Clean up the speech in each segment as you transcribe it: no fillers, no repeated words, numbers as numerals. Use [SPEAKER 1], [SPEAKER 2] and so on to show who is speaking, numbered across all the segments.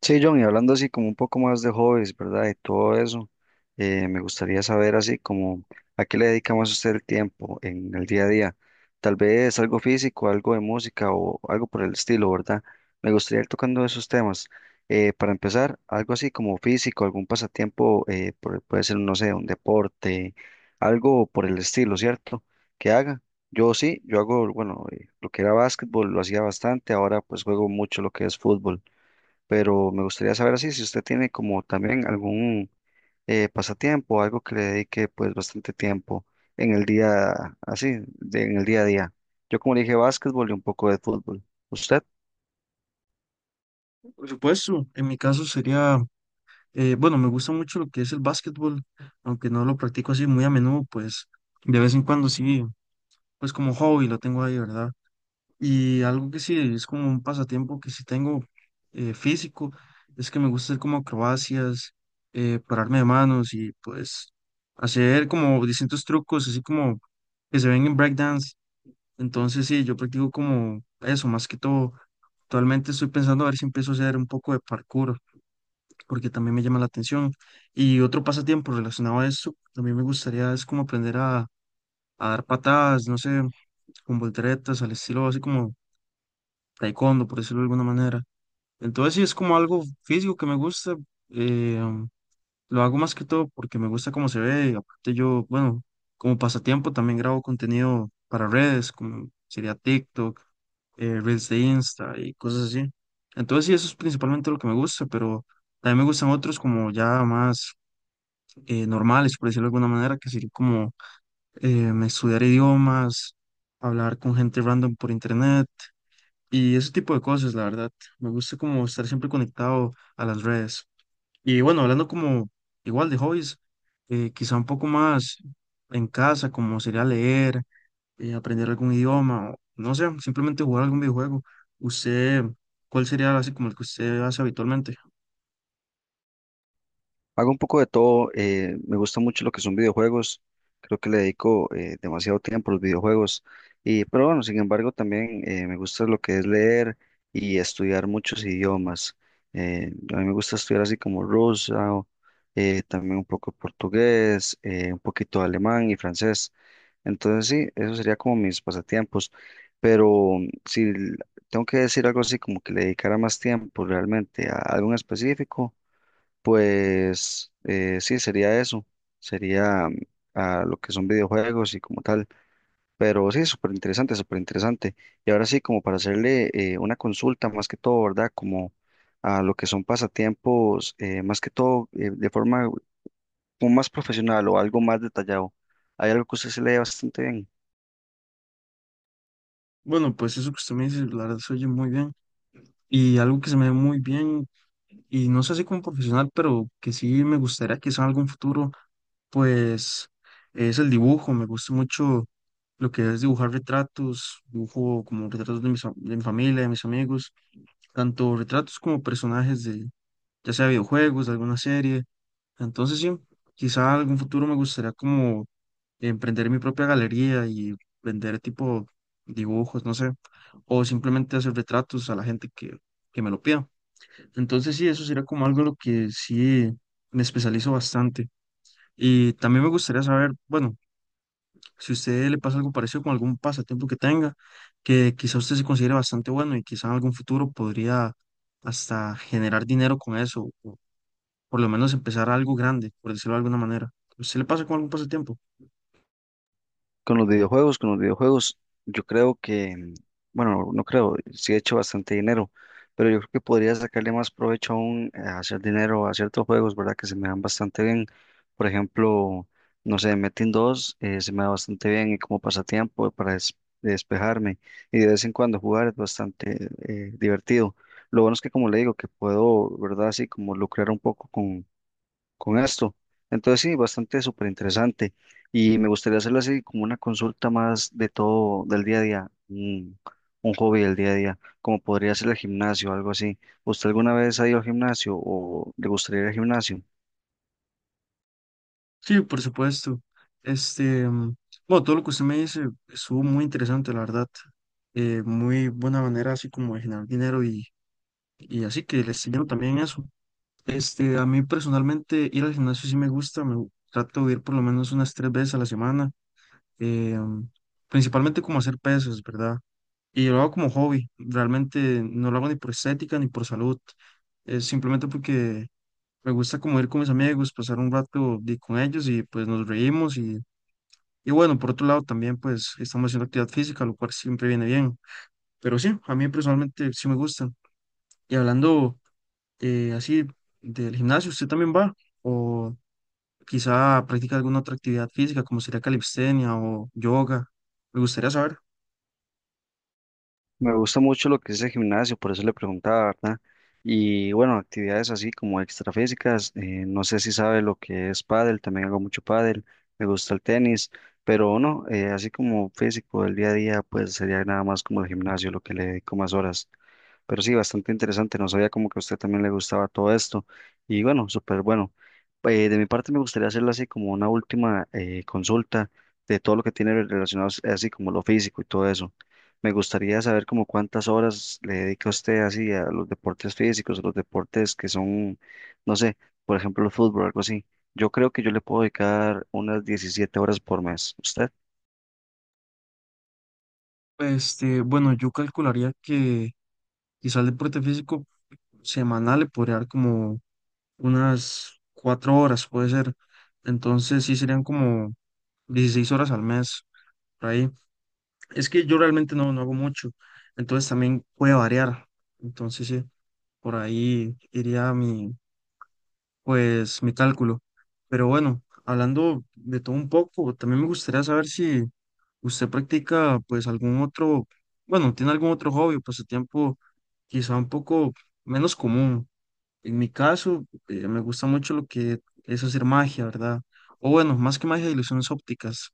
[SPEAKER 1] Sí, John, y hablando así como un poco más de hobbies, ¿verdad? Y todo eso, me gustaría saber así como a qué le dedica más usted el tiempo en el día a día. Tal vez algo físico, algo de música o algo por el estilo, ¿verdad? Me gustaría ir tocando esos temas. Para empezar, algo así como físico, algún pasatiempo, puede ser, no sé, un deporte, algo por el estilo, ¿cierto? Que haga. Yo sí, bueno, lo que era básquetbol lo hacía bastante, ahora pues juego mucho lo que es fútbol, pero me gustaría saber así si usted tiene como también algún pasatiempo, algo que le dedique pues bastante tiempo en el día, así, en el día a día. Yo como le dije, básquetbol y un poco de fútbol. ¿Usted?
[SPEAKER 2] Por supuesto, en mi caso sería, bueno, me gusta mucho lo que es el básquetbol, aunque no lo practico así muy a menudo, pues de vez en cuando sí, pues como hobby lo tengo ahí, ¿verdad? Y algo que sí es como un pasatiempo que sí tengo físico, es que me gusta hacer como acrobacias, pararme de manos y pues hacer como distintos trucos, así como que se ven en breakdance. Entonces sí, yo practico como eso, más que todo. Actualmente estoy pensando a ver si empiezo a hacer un poco de parkour porque también me llama la atención. Y otro pasatiempo relacionado a esto, también me gustaría es como aprender a dar patadas, no sé, con volteretas, al estilo así como taekwondo, por decirlo de alguna manera. Entonces sí, es como algo físico que me gusta. eh, um, lo hago más que todo porque me gusta cómo se ve. Y aparte yo, bueno, como pasatiempo también grabo contenido para redes, como sería TikTok, Reels de Insta y cosas así. Entonces sí, eso es principalmente lo que me gusta, pero también me gustan otros como ya más normales, por decirlo de alguna manera, que sería como estudiar idiomas, hablar con gente random por internet y ese tipo de cosas, la verdad. Me gusta como estar siempre conectado a las redes. Y bueno, hablando como igual de hobbies, quizá un poco más en casa, como sería leer, aprender algún idioma, o, no sé, simplemente jugar algún videojuego. ¿Usted, cuál sería así como el que usted hace habitualmente?
[SPEAKER 1] Hago un poco de todo, me gusta mucho lo que son videojuegos, creo que le dedico demasiado tiempo a los videojuegos, y, pero bueno, sin embargo también me gusta lo que es leer y estudiar muchos idiomas. A mí me gusta estudiar así como ruso, también un poco portugués, un poquito de alemán y francés. Entonces sí, eso sería como mis pasatiempos, pero si l- tengo que decir algo así como que le dedicara más tiempo realmente a algo en específico. Pues sí, sería eso, sería a lo que son videojuegos y como tal, pero sí, súper interesante, súper interesante. Y ahora sí, como para hacerle una consulta más que todo, ¿verdad? Como a lo que son pasatiempos, más que todo de forma como más profesional o algo más detallado. Hay algo que usted se lee bastante bien.
[SPEAKER 2] Bueno, pues eso que usted me dice, la verdad se oye muy bien. Y algo que se me ve muy bien, y no sé si como profesional, pero que sí me gustaría quizá en algún futuro, pues es el dibujo. Me gusta mucho lo que es dibujar retratos, dibujo como retratos de, mis, de mi familia, de mis amigos, tanto retratos como personajes de ya sea videojuegos, de alguna serie. Entonces sí, quizá algún futuro me gustaría como emprender mi propia galería y vender tipo dibujos, no sé, o simplemente hacer retratos a la gente que me lo pida. Entonces sí, eso sería como algo en lo que sí me especializo bastante. Y también me gustaría saber, bueno, si a usted le pasa algo parecido con algún pasatiempo que tenga, que quizá usted se considere bastante bueno y quizá en algún futuro podría hasta generar dinero con eso, o por lo menos empezar algo grande, por decirlo de alguna manera. ¿A usted le pasa con algún pasatiempo?
[SPEAKER 1] Con los videojuegos, yo creo que, bueno, no creo, sí he hecho bastante dinero, pero yo creo que podría sacarle más provecho aún a hacer dinero a ciertos juegos, ¿verdad? Que se me dan bastante bien. Por ejemplo, no sé, Metin 2 se me da bastante bien y como pasatiempo para despejarme y de vez en cuando jugar es bastante divertido. Lo bueno es que, como le digo, que puedo, ¿verdad? Así como lucrar un poco con esto. Entonces sí, bastante súper interesante. Y me gustaría hacerlo así como una consulta más de todo del día a día, un hobby del día a día, como podría ser el gimnasio, algo así. ¿Usted alguna vez ha ido al gimnasio o le gustaría ir al gimnasio?
[SPEAKER 2] Sí, por supuesto. Este, mm, bueno, todo lo que usted me dice estuvo muy interesante, la verdad. Muy buena manera así como de generar dinero y así que les enseñaron también eso. Este, a mí personalmente ir al gimnasio sí me gusta, trato de ir por lo menos unas tres veces a la semana, eh, principalmente como hacer pesas, ¿verdad? Y lo hago como hobby, realmente no lo hago ni por estética ni por salud, es simplemente porque me gusta como ir con mis amigos, pasar un rato con ellos y pues nos reímos y bueno, por otro lado también pues estamos haciendo actividad física, lo cual siempre viene bien, pero sí, a mí personalmente sí me gusta. Y hablando... así del gimnasio, ¿usted también va? O quizá practica alguna otra actividad física, como sería calistenia o yoga. Me gustaría saber.
[SPEAKER 1] Me gusta mucho lo que es el gimnasio, por eso le preguntaba, ¿verdad? Y bueno, actividades así como extrafísicas, no sé si sabe lo que es pádel, también hago mucho pádel, me gusta el tenis, pero no, así como físico del día a día, pues sería nada más como el gimnasio lo que le dedico más horas. Pero sí, bastante interesante. No sabía como que a usted también le gustaba todo esto. Y bueno, súper bueno. De mi parte me gustaría hacerle así como una última consulta de todo lo que tiene relacionado así como lo físico y todo eso. Me gustaría saber como cuántas horas le dedica usted así a los deportes físicos, a los deportes que son, no sé, por ejemplo, el fútbol, algo así. Yo creo que yo le puedo dedicar unas 17 horas por mes. ¿Usted?
[SPEAKER 2] Este, bueno, yo calcularía que quizá el deporte físico semanal le podría dar como unas 4 horas, puede ser. Entonces sí serían como 16 horas al mes, por ahí. Es que yo realmente no hago mucho, entonces también puede variar. Entonces sí, por ahí iría mi pues mi cálculo. Pero bueno, hablando de todo un poco, también me gustaría saber si usted practica pues algún otro, bueno, tiene algún otro hobby o pasatiempo quizá un poco menos común. En mi caso, me gusta mucho lo que es hacer magia, ¿verdad? O bueno, más que magia, ilusiones ópticas.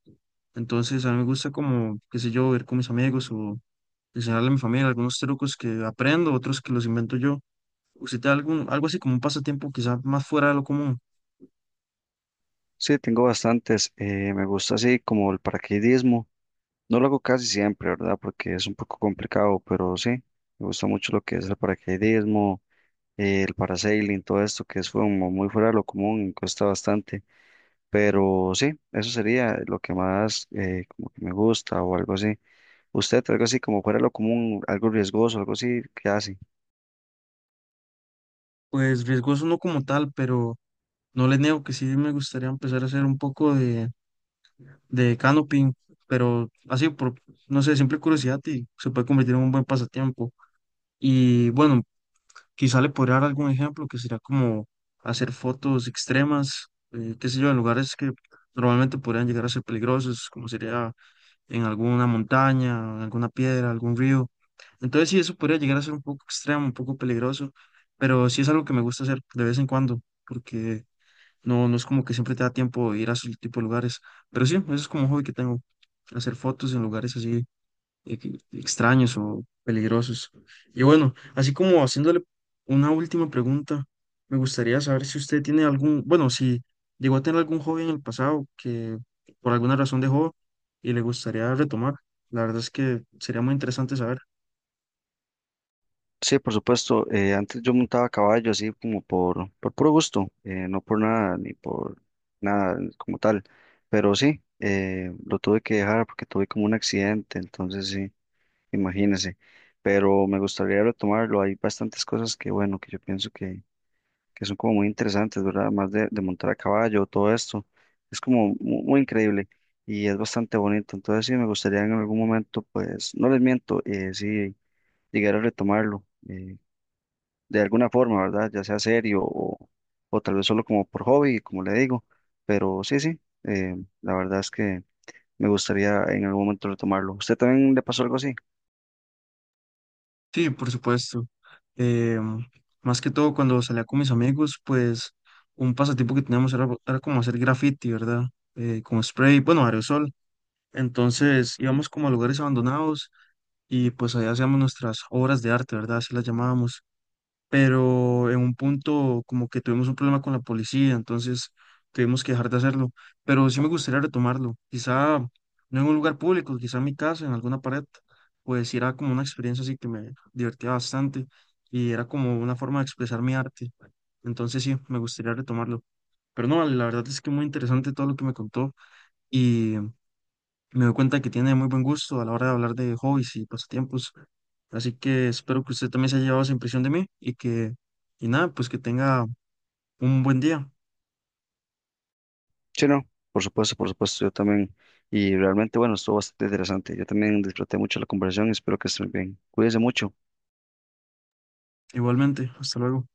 [SPEAKER 2] Entonces, a mí me gusta como, qué sé yo, ver con mis amigos o enseñarle a mi familia algunos trucos que aprendo, otros que los invento yo. ¿Usted tiene algún, algo así como un pasatiempo quizá más fuera de lo común?
[SPEAKER 1] Sí, tengo bastantes. Me gusta así como el paracaidismo. No lo hago casi siempre, ¿verdad? Porque es un poco complicado, pero sí, me gusta mucho lo que es el paracaidismo, el parasailing, todo esto que es como muy fuera de lo común y cuesta bastante. Pero sí, eso sería lo que más como que me gusta o algo así. ¿Usted algo así como fuera de lo común, algo riesgoso, algo así, qué hace?
[SPEAKER 2] Pues riesgoso no como tal, pero no le niego que sí me gustaría empezar a hacer un poco de canoping, pero así por, no sé, simple curiosidad y se puede convertir en un buen pasatiempo. Y bueno, quizá le podría dar algún ejemplo que sería como hacer fotos extremas, qué sé yo, en lugares que normalmente podrían llegar a ser peligrosos, como sería en alguna montaña, alguna piedra, algún río. Entonces sí, eso podría llegar a ser un poco extremo, un poco peligroso, pero sí es algo que me gusta hacer de vez en cuando, porque no es como que siempre te da tiempo de ir a esos tipo de lugares. Pero sí, eso es como un hobby que tengo, hacer fotos en lugares así extraños o peligrosos. Y bueno, así como haciéndole una última pregunta, me gustaría saber si usted tiene algún, bueno, si llegó a tener algún hobby en el pasado que por alguna razón dejó y le gustaría retomar. La verdad es que sería muy interesante saber.
[SPEAKER 1] Sí, por supuesto. Antes yo montaba caballo así como por puro gusto, no por nada ni por nada como tal. Pero sí, lo tuve que dejar porque tuve como un accidente, entonces sí, imagínese. Pero me gustaría retomarlo. Hay bastantes cosas que, bueno, que yo pienso que son como muy interesantes, ¿verdad? Más de montar a caballo, todo esto. Es como muy increíble y es bastante bonito. Entonces sí, me gustaría en algún momento, pues, no les miento, sí, llegar a retomarlo. De alguna forma, ¿verdad? Ya sea serio o tal vez solo como por hobby, como le digo. Pero sí, sí, la verdad es que me gustaría en algún momento retomarlo. ¿Usted también le pasó algo así?
[SPEAKER 2] Sí, por supuesto. Em, más que todo cuando salía con mis amigos, pues un pasatiempo que teníamos era como hacer graffiti, ¿verdad? Con spray, bueno, aerosol. Entonces íbamos como a lugares abandonados y pues allá hacíamos nuestras obras de arte, ¿verdad? Así las llamábamos. Pero en un punto como que tuvimos un problema con la policía, entonces tuvimos que dejar de hacerlo. Pero sí me gustaría retomarlo, quizá no en un lugar público, quizá en mi casa, en alguna pared, pues sí era como una experiencia así que me divertía bastante y era como una forma de expresar mi arte. Entonces sí, me gustaría retomarlo. Pero no, vale, la verdad es que muy interesante todo lo que me contó y me doy cuenta que tiene muy buen gusto a la hora de hablar de hobbies y pasatiempos. Así que espero que usted también se haya llevado esa impresión de mí y nada, pues que tenga un buen día.
[SPEAKER 1] Sí, no, por supuesto, yo también. Y realmente, bueno, estuvo bastante interesante. Yo también disfruté mucho la conversación y espero que estén bien. Cuídense mucho.
[SPEAKER 2] Igualmente, hasta luego.